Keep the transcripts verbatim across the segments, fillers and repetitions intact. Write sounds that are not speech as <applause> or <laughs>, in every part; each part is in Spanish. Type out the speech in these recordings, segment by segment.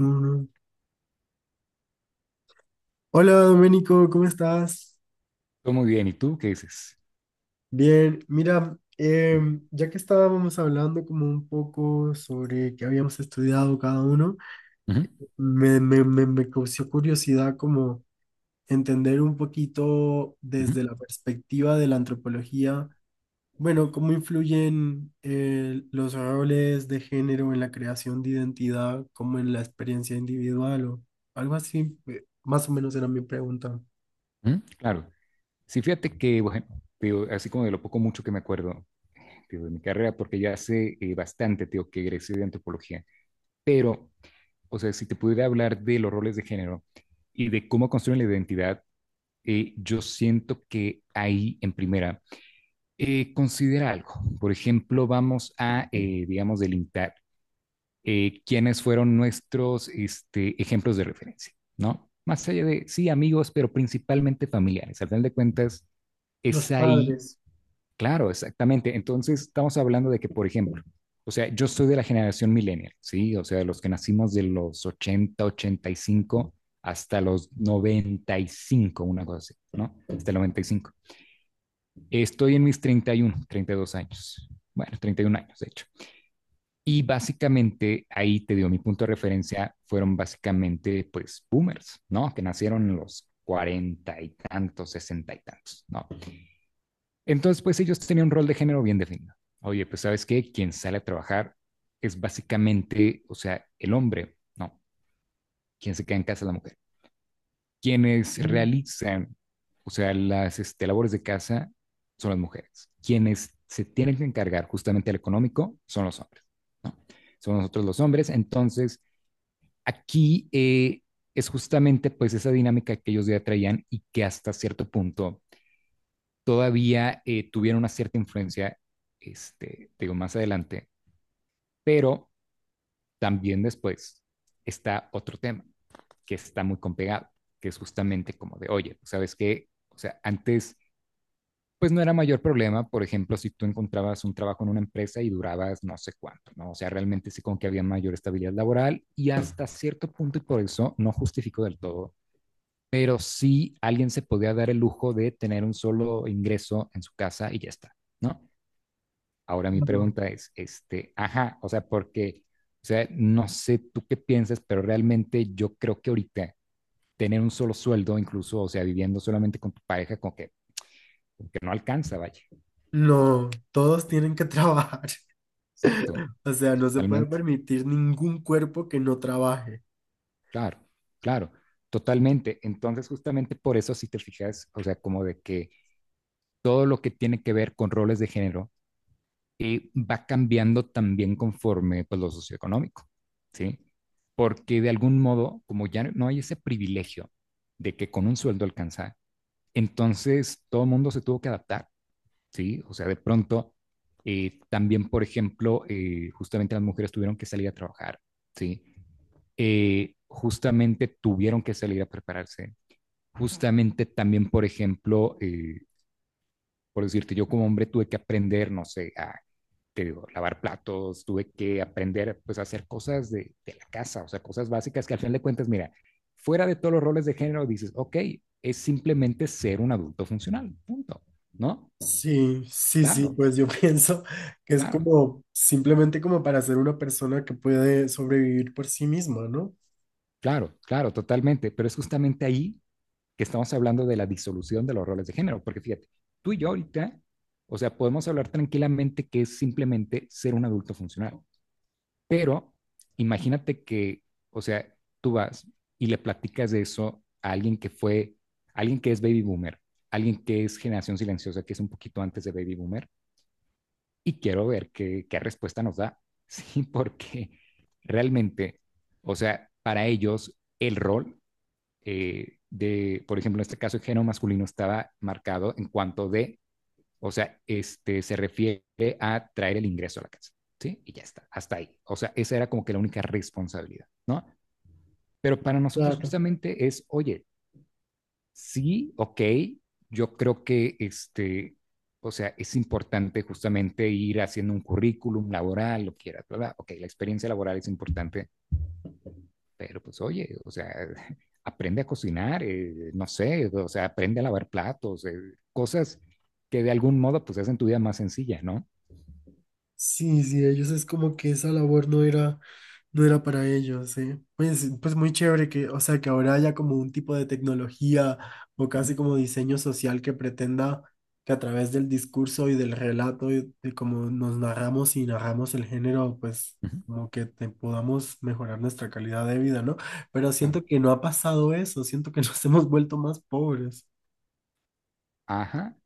Mm. Hola Doménico, ¿cómo estás? Todo muy bien. ¿Y tú qué dices? Bien, mira, Ujú, em, ya que estábamos hablando como un poco sobre qué habíamos estudiado cada uno, ujú, me, me, me, me causó curiosidad como entender un poquito ujú, desde la perspectiva de la antropología. Bueno, cómo influyen eh, los roles de género en la creación de identidad, como en la experiencia individual o algo así, eh, más o menos era mi pregunta. ujú, claro. Sí, fíjate que, bueno, tío, así como de lo poco mucho que me acuerdo tío, de mi carrera, porque ya hace eh, bastante, tío, que egresé de antropología. Pero, o sea, si te pudiera hablar de los roles de género y de cómo construyen la identidad, eh, yo siento que ahí, en primera, eh, considera algo. Por ejemplo, vamos a, eh, digamos, delimitar eh, quiénes fueron nuestros este, ejemplos de referencia, ¿no? Más allá de, sí, amigos, pero principalmente familiares. Al final de cuentas, Los es ahí, padres. claro, exactamente. Entonces, estamos hablando de que, por ejemplo, o sea, yo soy de la generación millennial, ¿sí? O sea, de los que nacimos de los ochenta ochenta y cinco hasta los noventa y cinco, una cosa así, ¿no? Hasta el noventa y cinco. Estoy en mis treinta treinta y uno, treinta y dos años. Bueno, treinta y uno años, de hecho. Y básicamente ahí te dio mi punto de referencia, fueron básicamente pues boomers, ¿no? Que nacieron en los cuarenta y tantos, sesenta y tantos, ¿no? Entonces pues ellos tenían un rol de género bien definido. Oye, pues sabes qué, quien sale a trabajar es básicamente, o sea, el hombre, ¿no? Quien se queda en casa es la mujer. Quienes Sí, realizan, o sea, las este, labores de casa son las mujeres. Quienes se tienen que encargar justamente al económico son los hombres, ¿no? Son nosotros los hombres, entonces. Aquí eh, es justamente pues esa dinámica que ellos ya traían y que hasta cierto punto todavía eh, tuvieron una cierta influencia, este, digo, más adelante, pero también después está otro tema que está muy compegado, que es justamente como de, oye, pues, ¿sabes qué? O sea, antes pues no era mayor problema, por ejemplo, si tú encontrabas un trabajo en una empresa y durabas no sé cuánto, ¿no? O sea, realmente sí como que había mayor estabilidad laboral y hasta cierto punto, y por eso no justifico del todo, pero sí alguien se podía dar el lujo de tener un solo ingreso en su casa y ya está, ¿no? Ahora mi claro. pregunta es, este, ajá, o sea, porque, o sea, no sé tú qué piensas, pero realmente yo creo que ahorita tener un solo sueldo, incluso, o sea, viviendo solamente con tu pareja, como que, como que no alcanza, vaya. No, todos tienen que trabajar. Exacto, <laughs> O sea, no se puede totalmente, permitir ningún cuerpo que no trabaje. claro, claro, totalmente. Entonces, justamente por eso, si te fijas, o sea, como de que todo lo que tiene que ver con roles de género, eh, va cambiando también conforme pues, lo socioeconómico, ¿sí? Porque de algún modo, como ya no no hay ese privilegio de que con un sueldo alcanza, entonces todo el mundo se tuvo que adaptar, ¿sí? O sea, de pronto, eh, también, por ejemplo, eh, justamente las mujeres tuvieron que salir a trabajar, ¿sí? Eh, justamente tuvieron que salir a prepararse. Justamente también, por ejemplo, eh, por decirte, yo como hombre tuve que aprender, no sé, a te digo, lavar platos, tuve que aprender pues a hacer cosas de, de la casa, o sea, cosas básicas que al final de cuentas, mira, fuera de todos los roles de género, dices, ok, es simplemente ser un adulto funcional, punto, ¿no? Sí, sí, sí, Claro, pues yo <laughs> pienso que es claro, como simplemente como para ser una persona que puede sobrevivir por sí misma, ¿no? claro, claro, totalmente, pero es justamente ahí que estamos hablando de la disolución de los roles de género, porque fíjate, tú y yo ahorita, o sea, podemos hablar tranquilamente que es simplemente ser un adulto funcional. Pero imagínate que, o sea, tú vas y le platicas de eso a alguien que fue, alguien que es baby boomer, alguien que es generación silenciosa, que es un poquito antes de baby boomer, y quiero ver qué, qué respuesta nos da. <laughs> Sí, porque realmente, o sea, para ellos el rol eh, de, por ejemplo, en este caso, el género masculino estaba marcado en cuanto de o sea, este, se refiere a traer el ingreso a la casa, ¿sí? Y ya está, hasta ahí. O sea, esa era como que la única responsabilidad, ¿no? Pero para nosotros Claro. justamente es, oye, sí, ok, yo creo que este, o sea, es importante justamente ir haciendo un currículum laboral, lo que quieras, ¿verdad? Ok, la experiencia laboral es importante, pero pues oye, o sea, <laughs> aprende a cocinar, eh, no sé, o sea, aprende a lavar platos, eh, cosas que de algún modo pues hacen tu vida más sencilla, ¿no? Sí, sí, ellos es como que esa labor no era, no era para ellos, eh. Pues, pues muy chévere que, o sea, que ahora haya como un tipo de tecnología o casi como diseño social que pretenda que a través del discurso y del relato y de cómo nos narramos y narramos el género, pues Ujú, como que te- podamos mejorar nuestra calidad de vida, ¿no? Pero claro. siento que no ha pasado eso, siento que <laughs> nos hemos vuelto más pobres. Ajá.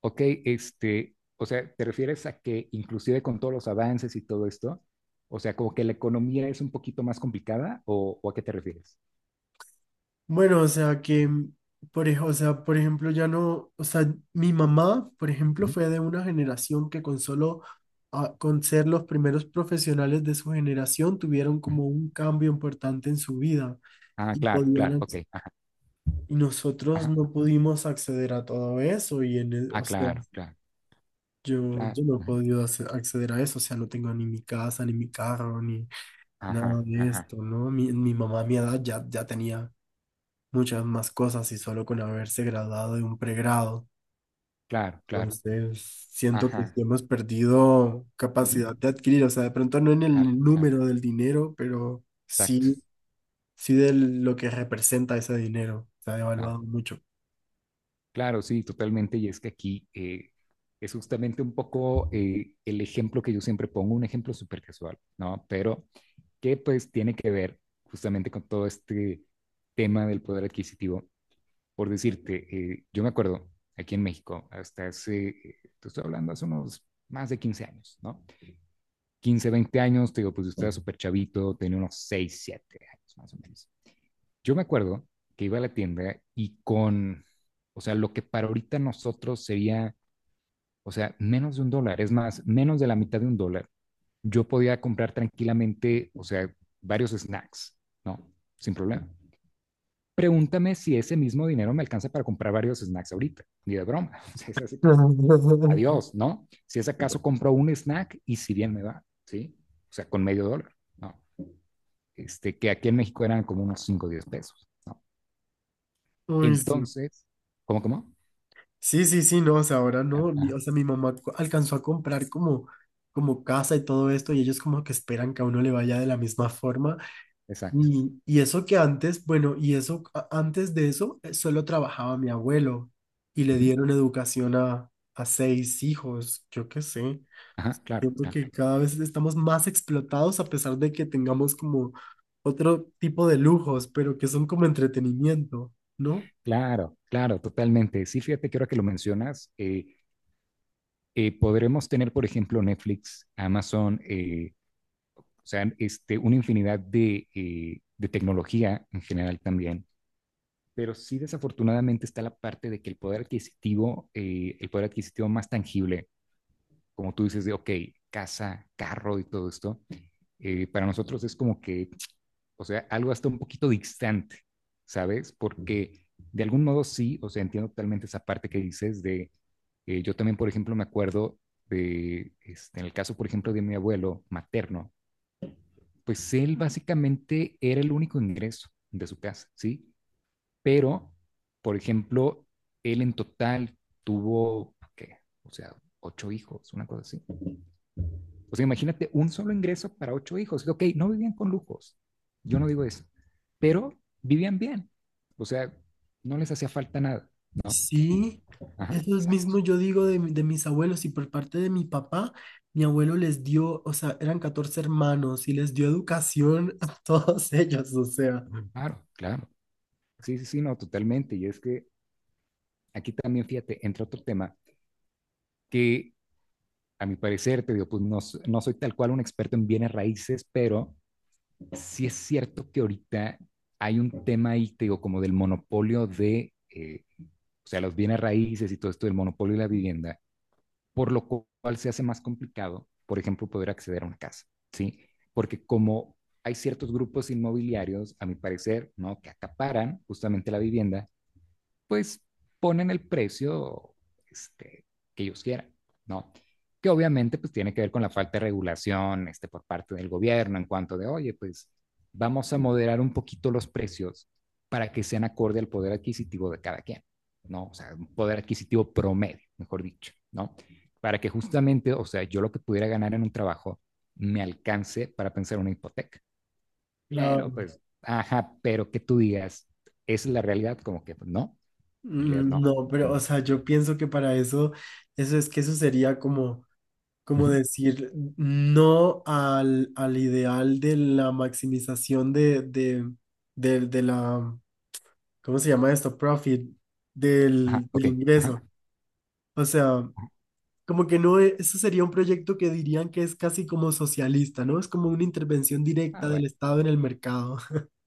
Ok, este, o sea, ¿te refieres a que inclusive con todos los avances y todo esto, o sea, como que la economía es un poquito más complicada o, o a qué te refieres? Bueno, o sea que, por, ej- o sea, por ejemplo, ya no, o sea, mi mamá, por ejemplo, Ujú, fue de una generación que con solo, ah, con ser los primeros profesionales de su generación, tuvieron ujú. como un cambio importante en su vida Ah, y claro, claro, podían, ok. ac- Ajá, y nosotros ajá. no pudimos acceder a todo eso y en el, Ah, o sea, claro, claro, yo, claro. yo no he Ujú. podido ace- acceder a eso, o sea, no tengo ni mi casa, ni mi carro, ni nada Ajá, de ajá. esto, ¿no? Mi, mi mamá a mi edad ya, ya tenía muchas más cosas y solo con haberse graduado de un pregrado. Claro, claro. Entonces, siento que sí Ajá. hemos perdido Ujú. capacidad de adquirir, o sea, de pronto no en Claro, el claro. número del dinero, pero Exacto. sí, sí de lo que representa ese dinero. Se ha Claro, devaluado mucho. claro, sí, totalmente. Y es que aquí eh, es justamente un poco eh, el ejemplo que yo siempre pongo, un ejemplo súper casual, ¿no? Pero que pues tiene que ver justamente con todo este tema del poder adquisitivo. Por decirte, eh, yo me acuerdo aquí en México, hasta hace, eh, te estoy hablando hace unos más de quince años, ¿no? Quince veinte años, te digo, pues yo estaba súper chavito, tenía unos seis siete años más o menos. Yo me acuerdo que iba a la tienda y con, o sea, lo que para ahorita nosotros sería, o sea, menos de un dólar, es más, menos de la mitad de un dólar, yo podía comprar tranquilamente, o sea, varios snacks, ¿no? Sin problema. Pregúntame si ese mismo dinero me alcanza para comprar varios snacks ahorita, ni de broma. <laughs> O sea, es así como, <laughs> adiós, ¿no? Si es acaso compro un snack y si bien me va, ¿sí? O sea, con medio dólar, ¿no? Este, que aquí en México eran como unos cinco, o diez pesos, ¿no? Uy, sí. Entonces, ¿cómo, cómo? Sí, sí, sí, no, o sea, ahora Claro, no, mi- ajá, o sea, mi mamá co- alcanzó a comprar como, como casa y todo esto y ellos como que esperan que a uno le vaya de la misma forma. exacto. Y, y eso que antes, bueno, y eso a- antes de eso eh, solo trabajaba mi abuelo y le Ujú, dieron educación a, a seis hijos, yo qué sé. ajá, claro, Siento claro, que cada vez estamos más explotados a pesar de que tengamos como otro tipo de lujos, pero que son como entretenimiento, ¿no? claro, claro, totalmente. Sí, fíjate que ahora que lo mencionas, eh, eh, podremos tener, por ejemplo, Netflix, Amazon, eh, o sea, este, una infinidad de, eh, de tecnología en general también. Pero sí, desafortunadamente está la parte de que el poder adquisitivo, eh, el poder adquisitivo más tangible, como tú dices, de, ok, casa, carro y todo esto, eh, para nosotros es como que o sea, algo hasta un poquito distante, ¿sabes? Porque de algún modo sí, o sea, entiendo totalmente esa parte que dices de, eh, yo también, por ejemplo, me acuerdo de, este, en el caso, por ejemplo, de mi abuelo materno, pues él básicamente era el único ingreso de su casa, ¿sí? Pero, por ejemplo, él en total tuvo, ¿qué? O sea, ocho hijos, una cosa así. O sea, imagínate un solo ingreso para ocho hijos. Ok, no vivían con lujos, yo no digo eso, pero vivían bien. O sea, no les hacía falta nada. No, Sí, ajá, eso exacto. mismo yo digo de, mi- de mis abuelos y por parte de mi papá, mi abuelo les dio, o sea, eran catorce hermanos y les dio educación a todos <laughs> ellos, o sea. Claro, claro. Sí, sí, sí, no, totalmente. Y es que aquí también, fíjate, entra otro tema que a mi parecer, te digo, pues no, s- no soy tal cual un experto en bienes raíces, pero sí es cierto que ahorita hay un tema ahí, te digo, como del monopolio de, eh, o sea, los bienes raíces y todo esto del monopolio de la vivienda, por lo cual se hace más complicado, por ejemplo, poder acceder a una casa, ¿sí? Porque como hay ciertos grupos inmobiliarios, a mi parecer, ¿no? Que acaparan justamente la vivienda, pues ponen el precio este, que ellos quieran, ¿no? Que obviamente pues tiene que ver con la falta de regulación este, por parte del gobierno en cuanto de, oye, pues vamos a moderar un poquito los precios para que sean acorde al poder adquisitivo de cada quien, ¿no? O sea, un poder adquisitivo promedio, mejor dicho, ¿no? Para que justamente, o sea, yo lo que pudiera ganar en un trabajo me alcance para pensar una hipoteca. Pero Claro. pues, ajá, pero que tú digas, ¿esa es la realidad, como que pues, no, en realidad Mm, no? no, pero, o sea, yo pienso que para eso, eso es que eso sería como, como Ujú. decir no al, al ideal de la maximización de, de, del- de la, ¿cómo se llama esto? Profit, Ajá, del, ok. del Ajá. ingreso. O sea, como que no, e- eso sería un proyecto que dirían que es casi como socialista, ¿no? Es como una intervención Ah, directa bueno. del Estado en el mercado.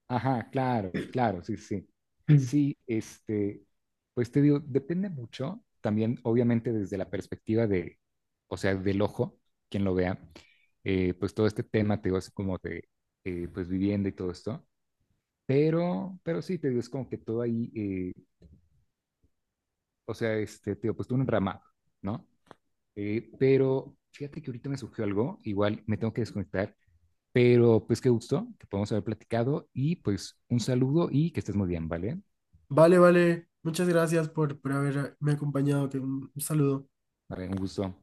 Ajá, claro, claro, sí, sí. <laughs> Sí, este, pues te digo, depende mucho también, obviamente, desde la perspectiva de, o sea, del ojo, quien lo vea, eh, pues todo este tema, te digo, así como de, eh, pues vivienda y todo esto, pero, pero sí, te digo, es como que todo ahí, eh, o sea, este, te digo, pues tú un ramado, ¿no? Eh, pero fíjate que ahorita me surgió algo, igual me tengo que desconectar. Pero pues qué gusto que podamos haber platicado y pues un saludo y que estés muy bien, ¿vale? Vale, vale. Muchas gracias por, por haberme acompañado. Te- Un un saludo. Vale, un gusto.